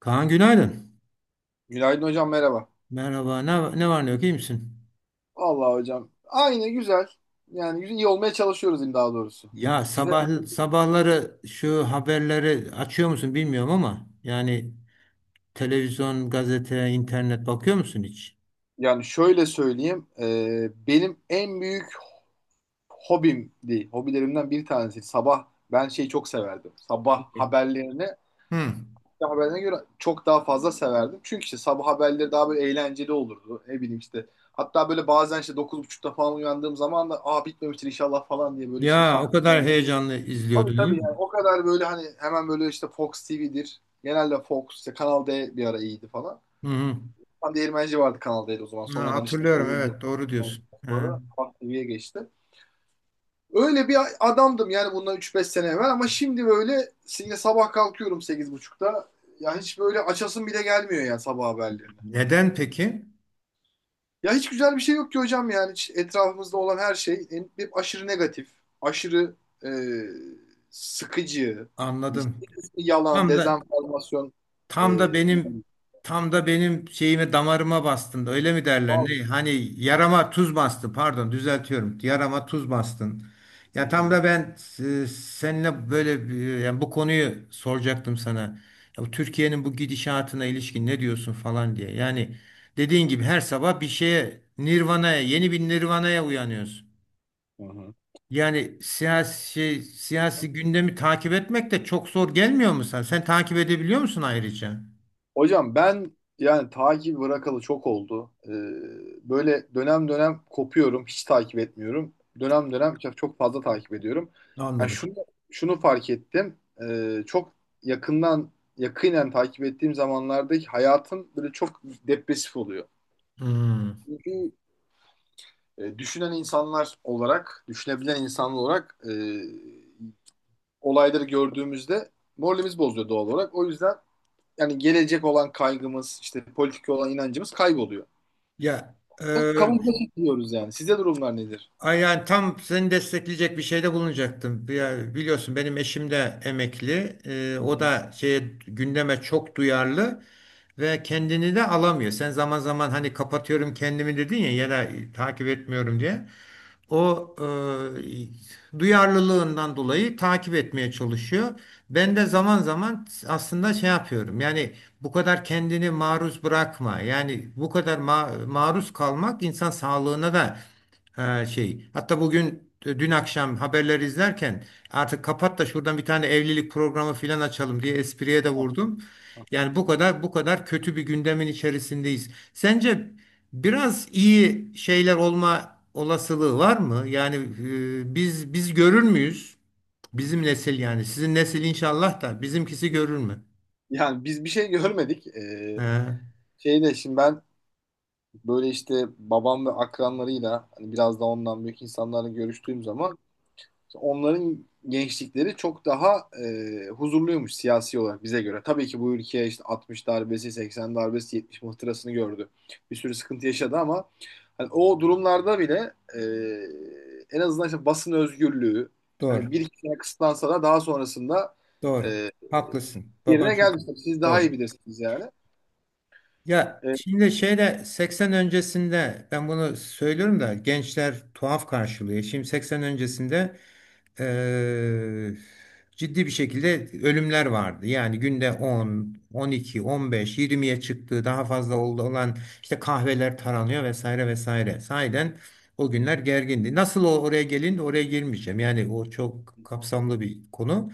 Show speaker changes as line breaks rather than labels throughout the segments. Kaan, günaydın.
Günaydın hocam merhaba.
Merhaba. Ne var ne yok, iyi misin?
Vallahi hocam aynı güzel. Yani iyi olmaya çalışıyoruz diyeyim daha doğrusu.
Ya
Size
sabah sabahları şu haberleri açıyor musun bilmiyorum ama yani televizyon, gazete, internet bakıyor musun hiç?
yani şöyle söyleyeyim. Benim en büyük hobim değil. Hobilerimden bir tanesi. Sabah ben şeyi çok severdim. Sabah haberlerini
Hı.
sabah haberlerine göre çok daha fazla severdim. Çünkü işte sabah haberleri daha böyle eğlenceli olurdu. Ne bileyim işte. Hatta böyle bazen işte 9.30'da falan uyandığım zaman da aa bitmemiştir inşallah falan diye böyle işte bir
Ya
kahve.
o kadar heyecanlı
Tabii
izliyordun
tabii
değil mi?
yani o kadar böyle hani hemen böyle işte Fox TV'dir. Genelde Fox işte Kanal D bir ara iyiydi falan.
Hı hı.
Tam değirmenci vardı Kanal D'de o zaman.
Ha,
Sonradan işte
hatırlıyorum,
kovuldu.
evet, doğru
Ondan
diyorsun. Ha.
sonra Fox TV'ye geçti. Öyle bir adamdım yani bundan üç beş sene evvel ama şimdi böyle yine sabah kalkıyorum 8.30'da. Ya hiç böyle açasım bile gelmiyor yani sabah haberleri.
Neden peki?
Ya hiç güzel bir şey yok ki hocam yani. Hiç etrafımızda olan her şey hep aşırı negatif, aşırı e, sıkıcı, işte
Anladım.
bir kısmı yalan,
Tam da
dezenformasyon.
Tam da
E,
benim tam da benim şeyime, damarıma bastın. Öyle mi derler?
Hı
Ne? Hani yarama tuz bastı. Pardon, düzeltiyorum. Yarama tuz bastın. Ya tam
hı.
da ben seninle böyle yani bu konuyu soracaktım sana. Ya bu Türkiye'nin bu gidişatına ilişkin ne diyorsun falan diye. Yani dediğin gibi her sabah bir şeye Nirvana'ya, yeni bir Nirvana'ya uyanıyorsun.
Hı
Yani
hı.
siyasi gündemi takip etmek de çok zor gelmiyor mu sen? Sen takip edebiliyor musun ayrıca?
Hocam ben yani takip bırakalı çok oldu. Böyle dönem dönem kopuyorum, hiç takip etmiyorum. Dönem dönem çok, çok fazla takip ediyorum. Yani
Anladım.
şunu fark ettim. Çok yakından yakinen takip ettiğim zamanlardaki hayatım böyle çok depresif oluyor.
Hmm.
Çünkü düşünebilen insanlar olarak olayları gördüğümüzde moralimiz bozuyor doğal olarak. O yüzden yani gelecek olan kaygımız, işte politik olan inancımız kayboluyor.
Ya e,
Kabuğumuza çekiliyoruz yani. Sizde durumlar nedir?
Ay yani tam seni destekleyecek bir şeyde bulunacaktım. Ya biliyorsun, benim eşim de emekli.
Hı
O
hı.
da şeye, gündeme çok duyarlı ve kendini de alamıyor. Sen zaman zaman hani kapatıyorum kendimi dedin ya, ya da takip etmiyorum diye. O duyarlılığından dolayı takip etmeye çalışıyor. Ben de zaman zaman aslında şey yapıyorum. Yani bu kadar kendini maruz bırakma. Yani bu kadar maruz kalmak insan sağlığına da. Ha, şey. Hatta dün akşam haberleri izlerken artık kapat da şuradan bir tane evlilik programı filan açalım diye espriye de
Ah.
vurdum. Yani bu kadar kötü bir gündemin içerisindeyiz. Sence biraz iyi şeyler olma olasılığı var mı? Yani biz görür müyüz? Bizim nesil yani. Sizin nesil inşallah, da bizimkisi görür mü?
Yani biz bir şey görmedik.
He,
Şeyde şimdi ben böyle işte babam ve akranlarıyla hani biraz da ondan büyük insanlarla görüştüğüm zaman, onların gençlikleri çok daha huzurluymuş siyasi olarak bize göre. Tabii ki bu ülke işte 60 darbesi, 80 darbesi, 70 muhtırasını gördü. Bir sürü sıkıntı yaşadı ama hani o durumlarda bile en azından işte basın özgürlüğü hani
doğru.
bir iki sene kısıtlansa da daha sonrasında
Doğru.
e,
Haklısın. Baban
yerine
çok
geldi. Siz daha
doğru.
iyi bilirsiniz yani.
Ya
E,
şimdi şeyde 80 öncesinde ben bunu söylüyorum da gençler tuhaf karşılıyor. Şimdi 80 öncesinde eee, ciddi bir şekilde ölümler vardı. Yani günde 10, 12, 15, 20'ye çıktığı daha fazla oldu, olan işte kahveler taranıyor vesaire vesaire. Sahiden o günler gergindi. Nasıl o oraya gelin, oraya girmeyeceğim. Yani o çok kapsamlı bir konu.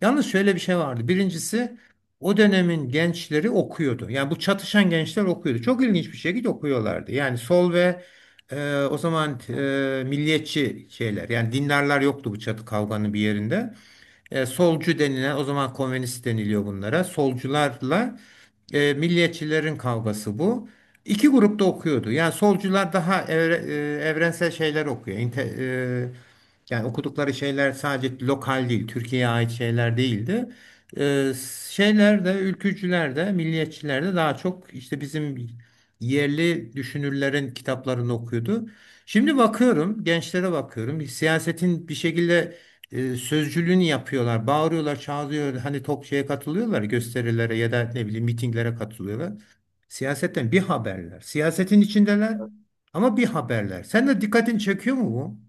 Yalnız şöyle bir şey vardı. Birincisi, o dönemin gençleri okuyordu. Yani bu çatışan gençler okuyordu. Çok ilginç bir şekilde okuyorlardı. Yani sol ve o zaman milliyetçi şeyler, yani dindarlar yoktu bu çatı kavganın bir yerinde. E, solcu denilen, o zaman komünist deniliyor bunlara. Solcularla milliyetçilerin kavgası bu. İki grupta okuyordu. Yani solcular daha evrensel şeyler okuyor. Yani okudukları şeyler sadece lokal değil, Türkiye'ye ait şeyler değildi. Ee, Şeyler de, ülkücüler de, milliyetçiler de daha çok işte bizim yerli düşünürlerin kitaplarını okuyordu. Şimdi bakıyorum, gençlere bakıyorum. Siyasetin bir şekilde sözcülüğünü yapıyorlar, bağırıyorlar, çağırıyorlar. Hani tok şeye katılıyorlar, gösterilere ya da ne bileyim mitinglere katılıyorlar. Siyasetten bir haberler. Siyasetin içindeler ama bir haberler. Sen de dikkatini çekiyor mu bu?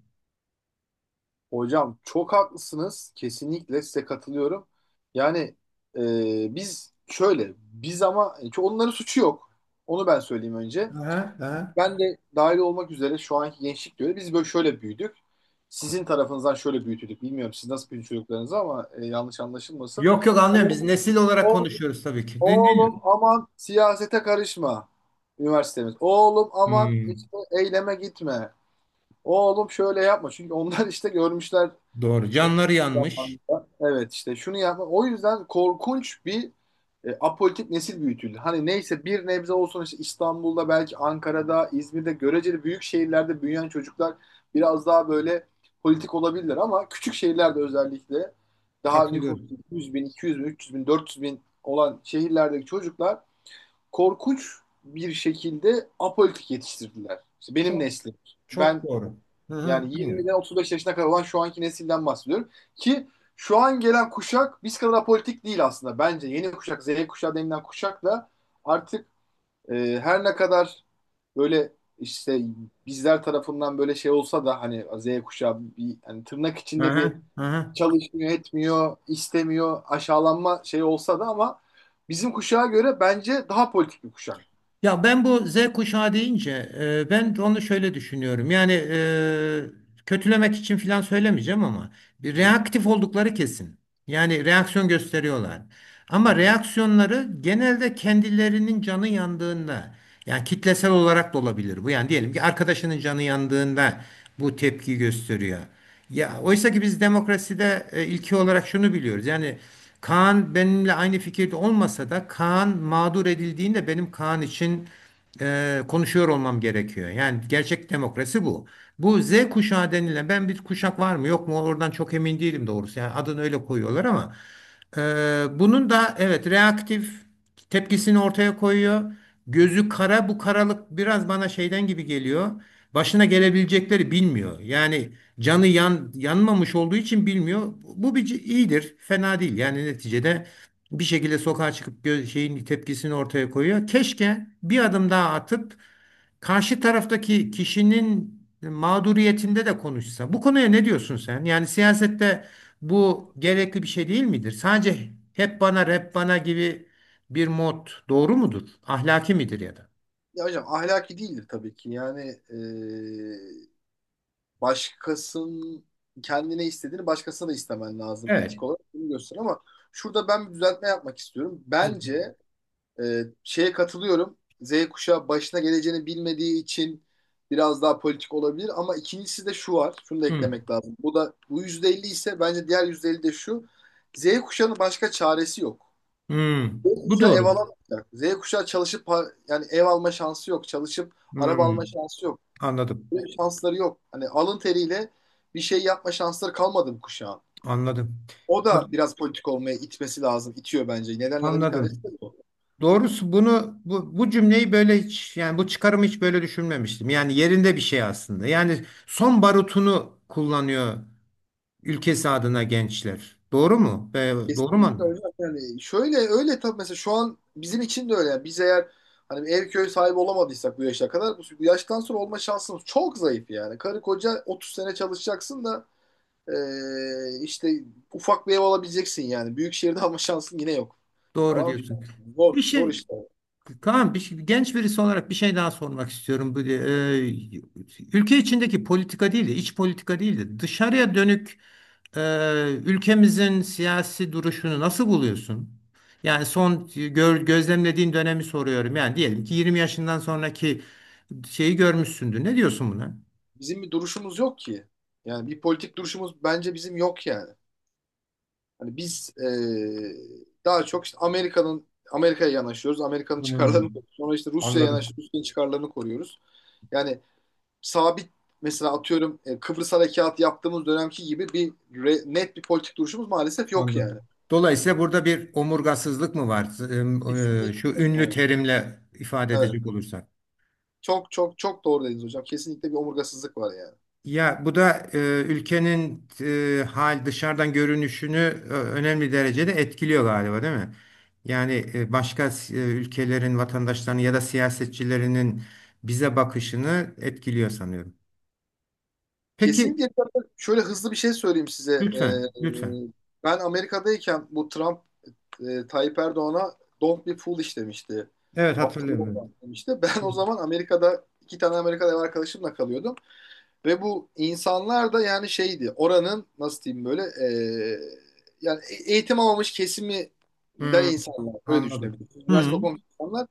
Hocam çok haklısınız. Kesinlikle size katılıyorum. Yani biz ama çünkü onların suçu yok. Onu ben söyleyeyim önce.
Aha, aha.
Ben de dahil olmak üzere şu anki gençlik diyor. Biz böyle şöyle büyüdük. Sizin tarafınızdan şöyle büyütüldük. Bilmiyorum siz nasıl büyüdü çocuklarınızı ama yanlış anlaşılmasın.
Yok yok, anlıyorum. Biz
Oğlum,
nesil olarak
oğlum,
konuşuyoruz tabii ki. Değil, değil.
oğlum aman siyasete karışma. Üniversitemiz. Oğlum aman
Hmm,
işte eyleme gitme. Oğlum şöyle yapma. Çünkü onlar işte görmüşler
doğru. Canları yanmış.
zamanında. Evet işte şunu yapma. O yüzden korkunç bir apolitik nesil büyütüldü. Hani neyse bir nebze olsun işte İstanbul'da belki Ankara'da, İzmir'de göreceli büyük şehirlerde büyüyen çocuklar biraz daha böyle politik olabilirler ama küçük şehirlerde özellikle daha nüfus
Katılıyorum.
100 bin, 200 bin, 300 bin, 400 bin olan şehirlerdeki çocuklar korkunç bir şekilde apolitik yetiştirdiler. İşte benim
Çok
neslim.
çok
Ben
doğru. Hı hı,
yani
dinliyorum.
20'den 35 yaşına kadar olan şu anki nesilden bahsediyorum. Ki şu an gelen kuşak biz kadar apolitik değil aslında. Bence yeni kuşak, Z kuşağı denilen kuşak da artık her ne kadar böyle işte bizler tarafından böyle şey olsa da hani Z kuşağı bir hani tırnak
Hı
içinde bir
hı, hı hı.
çalışmıyor, etmiyor, istemiyor, aşağılanma şey olsa da ama bizim kuşağa göre bence daha politik bir kuşak.
Ya ben bu Z kuşağı deyince ben onu şöyle düşünüyorum. Yani kötülemek için falan söylemeyeceğim ama bir
Hı hı,
reaktif oldukları kesin. Yani reaksiyon gösteriyorlar.
hı
Ama
hı,
reaksiyonları genelde kendilerinin canı yandığında, yani kitlesel olarak da olabilir bu. Yani diyelim ki arkadaşının canı yandığında bu tepki gösteriyor.
hı
Ya
hı.
oysa ki biz demokraside ilki olarak şunu biliyoruz. Yani Kaan benimle aynı fikirde olmasa da Kaan mağdur edildiğinde benim Kaan için konuşuyor olmam gerekiyor. Yani gerçek demokrasi bu. Bu Z kuşağı denilen bir kuşak var mı yok mu oradan çok emin değilim doğrusu. Yani adını öyle koyuyorlar ama bunun da evet, reaktif tepkisini ortaya koyuyor. Gözü kara, bu karalık biraz bana şeyden gibi geliyor. Başına gelebilecekleri bilmiyor. Yani yanmamış olduğu için bilmiyor. Bu iyidir, fena değil. Yani neticede bir şekilde sokağa çıkıp şeyin tepkisini ortaya koyuyor. Keşke bir adım daha atıp karşı taraftaki kişinin mağduriyetinde de konuşsa. Bu konuya ne diyorsun sen? Yani siyasette bu gerekli bir şey değil midir? Sadece hep bana rap bana gibi bir mod doğru mudur? Ahlaki midir ya da?
Ya hocam ahlaki değildir tabii ki. Yani e, başkasının kendine istediğini başkasına da istemen lazım
Evet.
etik olarak bunu göster ama şurada ben bir düzeltme yapmak istiyorum.
Tabii.
Bence e, şeye katılıyorum. Z kuşağı başına geleceğini bilmediği için biraz daha politik olabilir ama ikincisi de şu var. Şunu da
Hmm,
eklemek lazım. Bu da bu %50 ise bence diğer %50 de şu. Z kuşağının başka çaresi yok.
hmm.
Z
Bu
kuşağı ev
doğru.
alamayacak. Z kuşağı çalışıp yani ev alma şansı yok. Çalışıp araba alma
Hmm,
şansı yok.
anladım.
Böyle bir şansları yok. Hani alın teriyle bir şey yapma şansları kalmadı bu kuşağın.
Anladım.
O da
Bu-
biraz politik olmaya itmesi lazım. İtiyor bence. Nedenlerden bir tanesi
Anladım.
de bu.
Doğrusu bunu bu cümleyi böyle hiç, yani bu çıkarımı hiç böyle düşünmemiştim. Yani yerinde bir şey aslında. Yani son barutunu kullanıyor ülkesi adına gençler. Doğru mu? Doğru
Kesinlikle
mu?
öyle. Yani şöyle öyle tabii mesela şu an bizim için de öyle. Yani biz eğer hani bir ev köy sahibi olamadıysak bu yaşa kadar, bu yaştan sonra olma şansımız çok zayıf yani. Karı koca 30 sene çalışacaksın da işte ufak bir ev alabileceksin yani. Büyük şehirde alma şansın yine yok.
Doğru
Falan filan.
diyorsun.
Zor,
Bir
zor
şey
işte.
Kaan, genç birisi olarak bir şey daha sormak istiyorum. Ülke içindeki politika değil de iç politika değil de dışarıya dönük ülkemizin siyasi duruşunu nasıl buluyorsun? Yani gözlemlediğin dönemi soruyorum. Yani diyelim ki 20 yaşından sonraki şeyi görmüşsündür. Ne diyorsun buna?
Bizim bir duruşumuz yok ki. Yani bir politik duruşumuz bence bizim yok yani. Hani biz daha çok işte Amerika'ya yanaşıyoruz. Amerika'nın çıkarlarını
Hmm,
koruyoruz. Sonra işte Rusya'ya
anladım,
yanaşıyoruz. Rusya'nın çıkarlarını koruyoruz. Yani sabit mesela atıyorum Kıbrıs Harekatı yaptığımız dönemki gibi bir net bir politik duruşumuz maalesef yok
anladım.
yani.
Dolayısıyla burada bir omurgasızlık mı var? Şu
Kesinlikle.
ünlü
Evet.
terimle ifade
Evet.
edecek olursak.
Çok çok çok doğru dediniz hocam. Kesinlikle bir omurgasızlık var yani.
Ya bu da ülkenin e, hal dışarıdan görünüşünü önemli derecede etkiliyor galiba, değil mi? Yani ülkelerin vatandaşlarının ya da siyasetçilerinin bize bakışını etkiliyor sanıyorum. Peki,
Kesinlikle şöyle hızlı bir şey söyleyeyim size.
lütfen, lütfen.
Ben Amerika'dayken bu Trump Tayyip Erdoğan'a don't be foolish demişti.
Evet,
Aptal
hatırlıyorum.
olma demişti. Ben o
Evet.
zaman Amerika'da iki tane Amerikalı ev arkadaşımla kalıyordum. Ve bu insanlar da yani şeydi oranın nasıl diyeyim böyle yani eğitim almamış kesiminden
Hmm,
insanlar. Öyle
anladım.
düşünebilirsiniz.
Hmm,
Üniversite okumamış insanlar.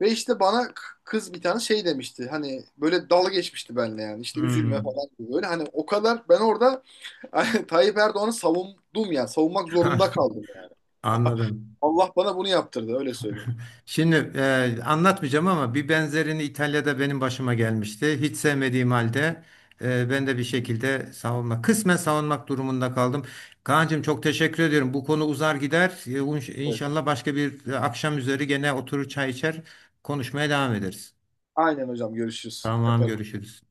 Ve işte bana kız bir tane şey demişti. Hani böyle dalga geçmişti benimle yani. İşte üzülme
hmm.
falan gibi böyle. Hani o kadar ben orada hani Tayyip Erdoğan'ı savundum yani. Savunmak zorunda kaldım yani.
Anladım.
Allah bana bunu yaptırdı öyle söyleyeyim.
Anlatmayacağım ama bir benzerini İtalya'da benim başıma gelmişti. Hiç sevmediğim halde ben de bir şekilde kısmen savunmak durumunda kaldım. Kaan'cığım, çok teşekkür ediyorum. Bu konu uzar gider. E,
Evet.
İnşallah başka bir akşam üzeri gene oturur, çay içer, konuşmaya devam ederiz.
Aynen hocam görüşürüz.
Tamam,
Yaparız.
görüşürüz.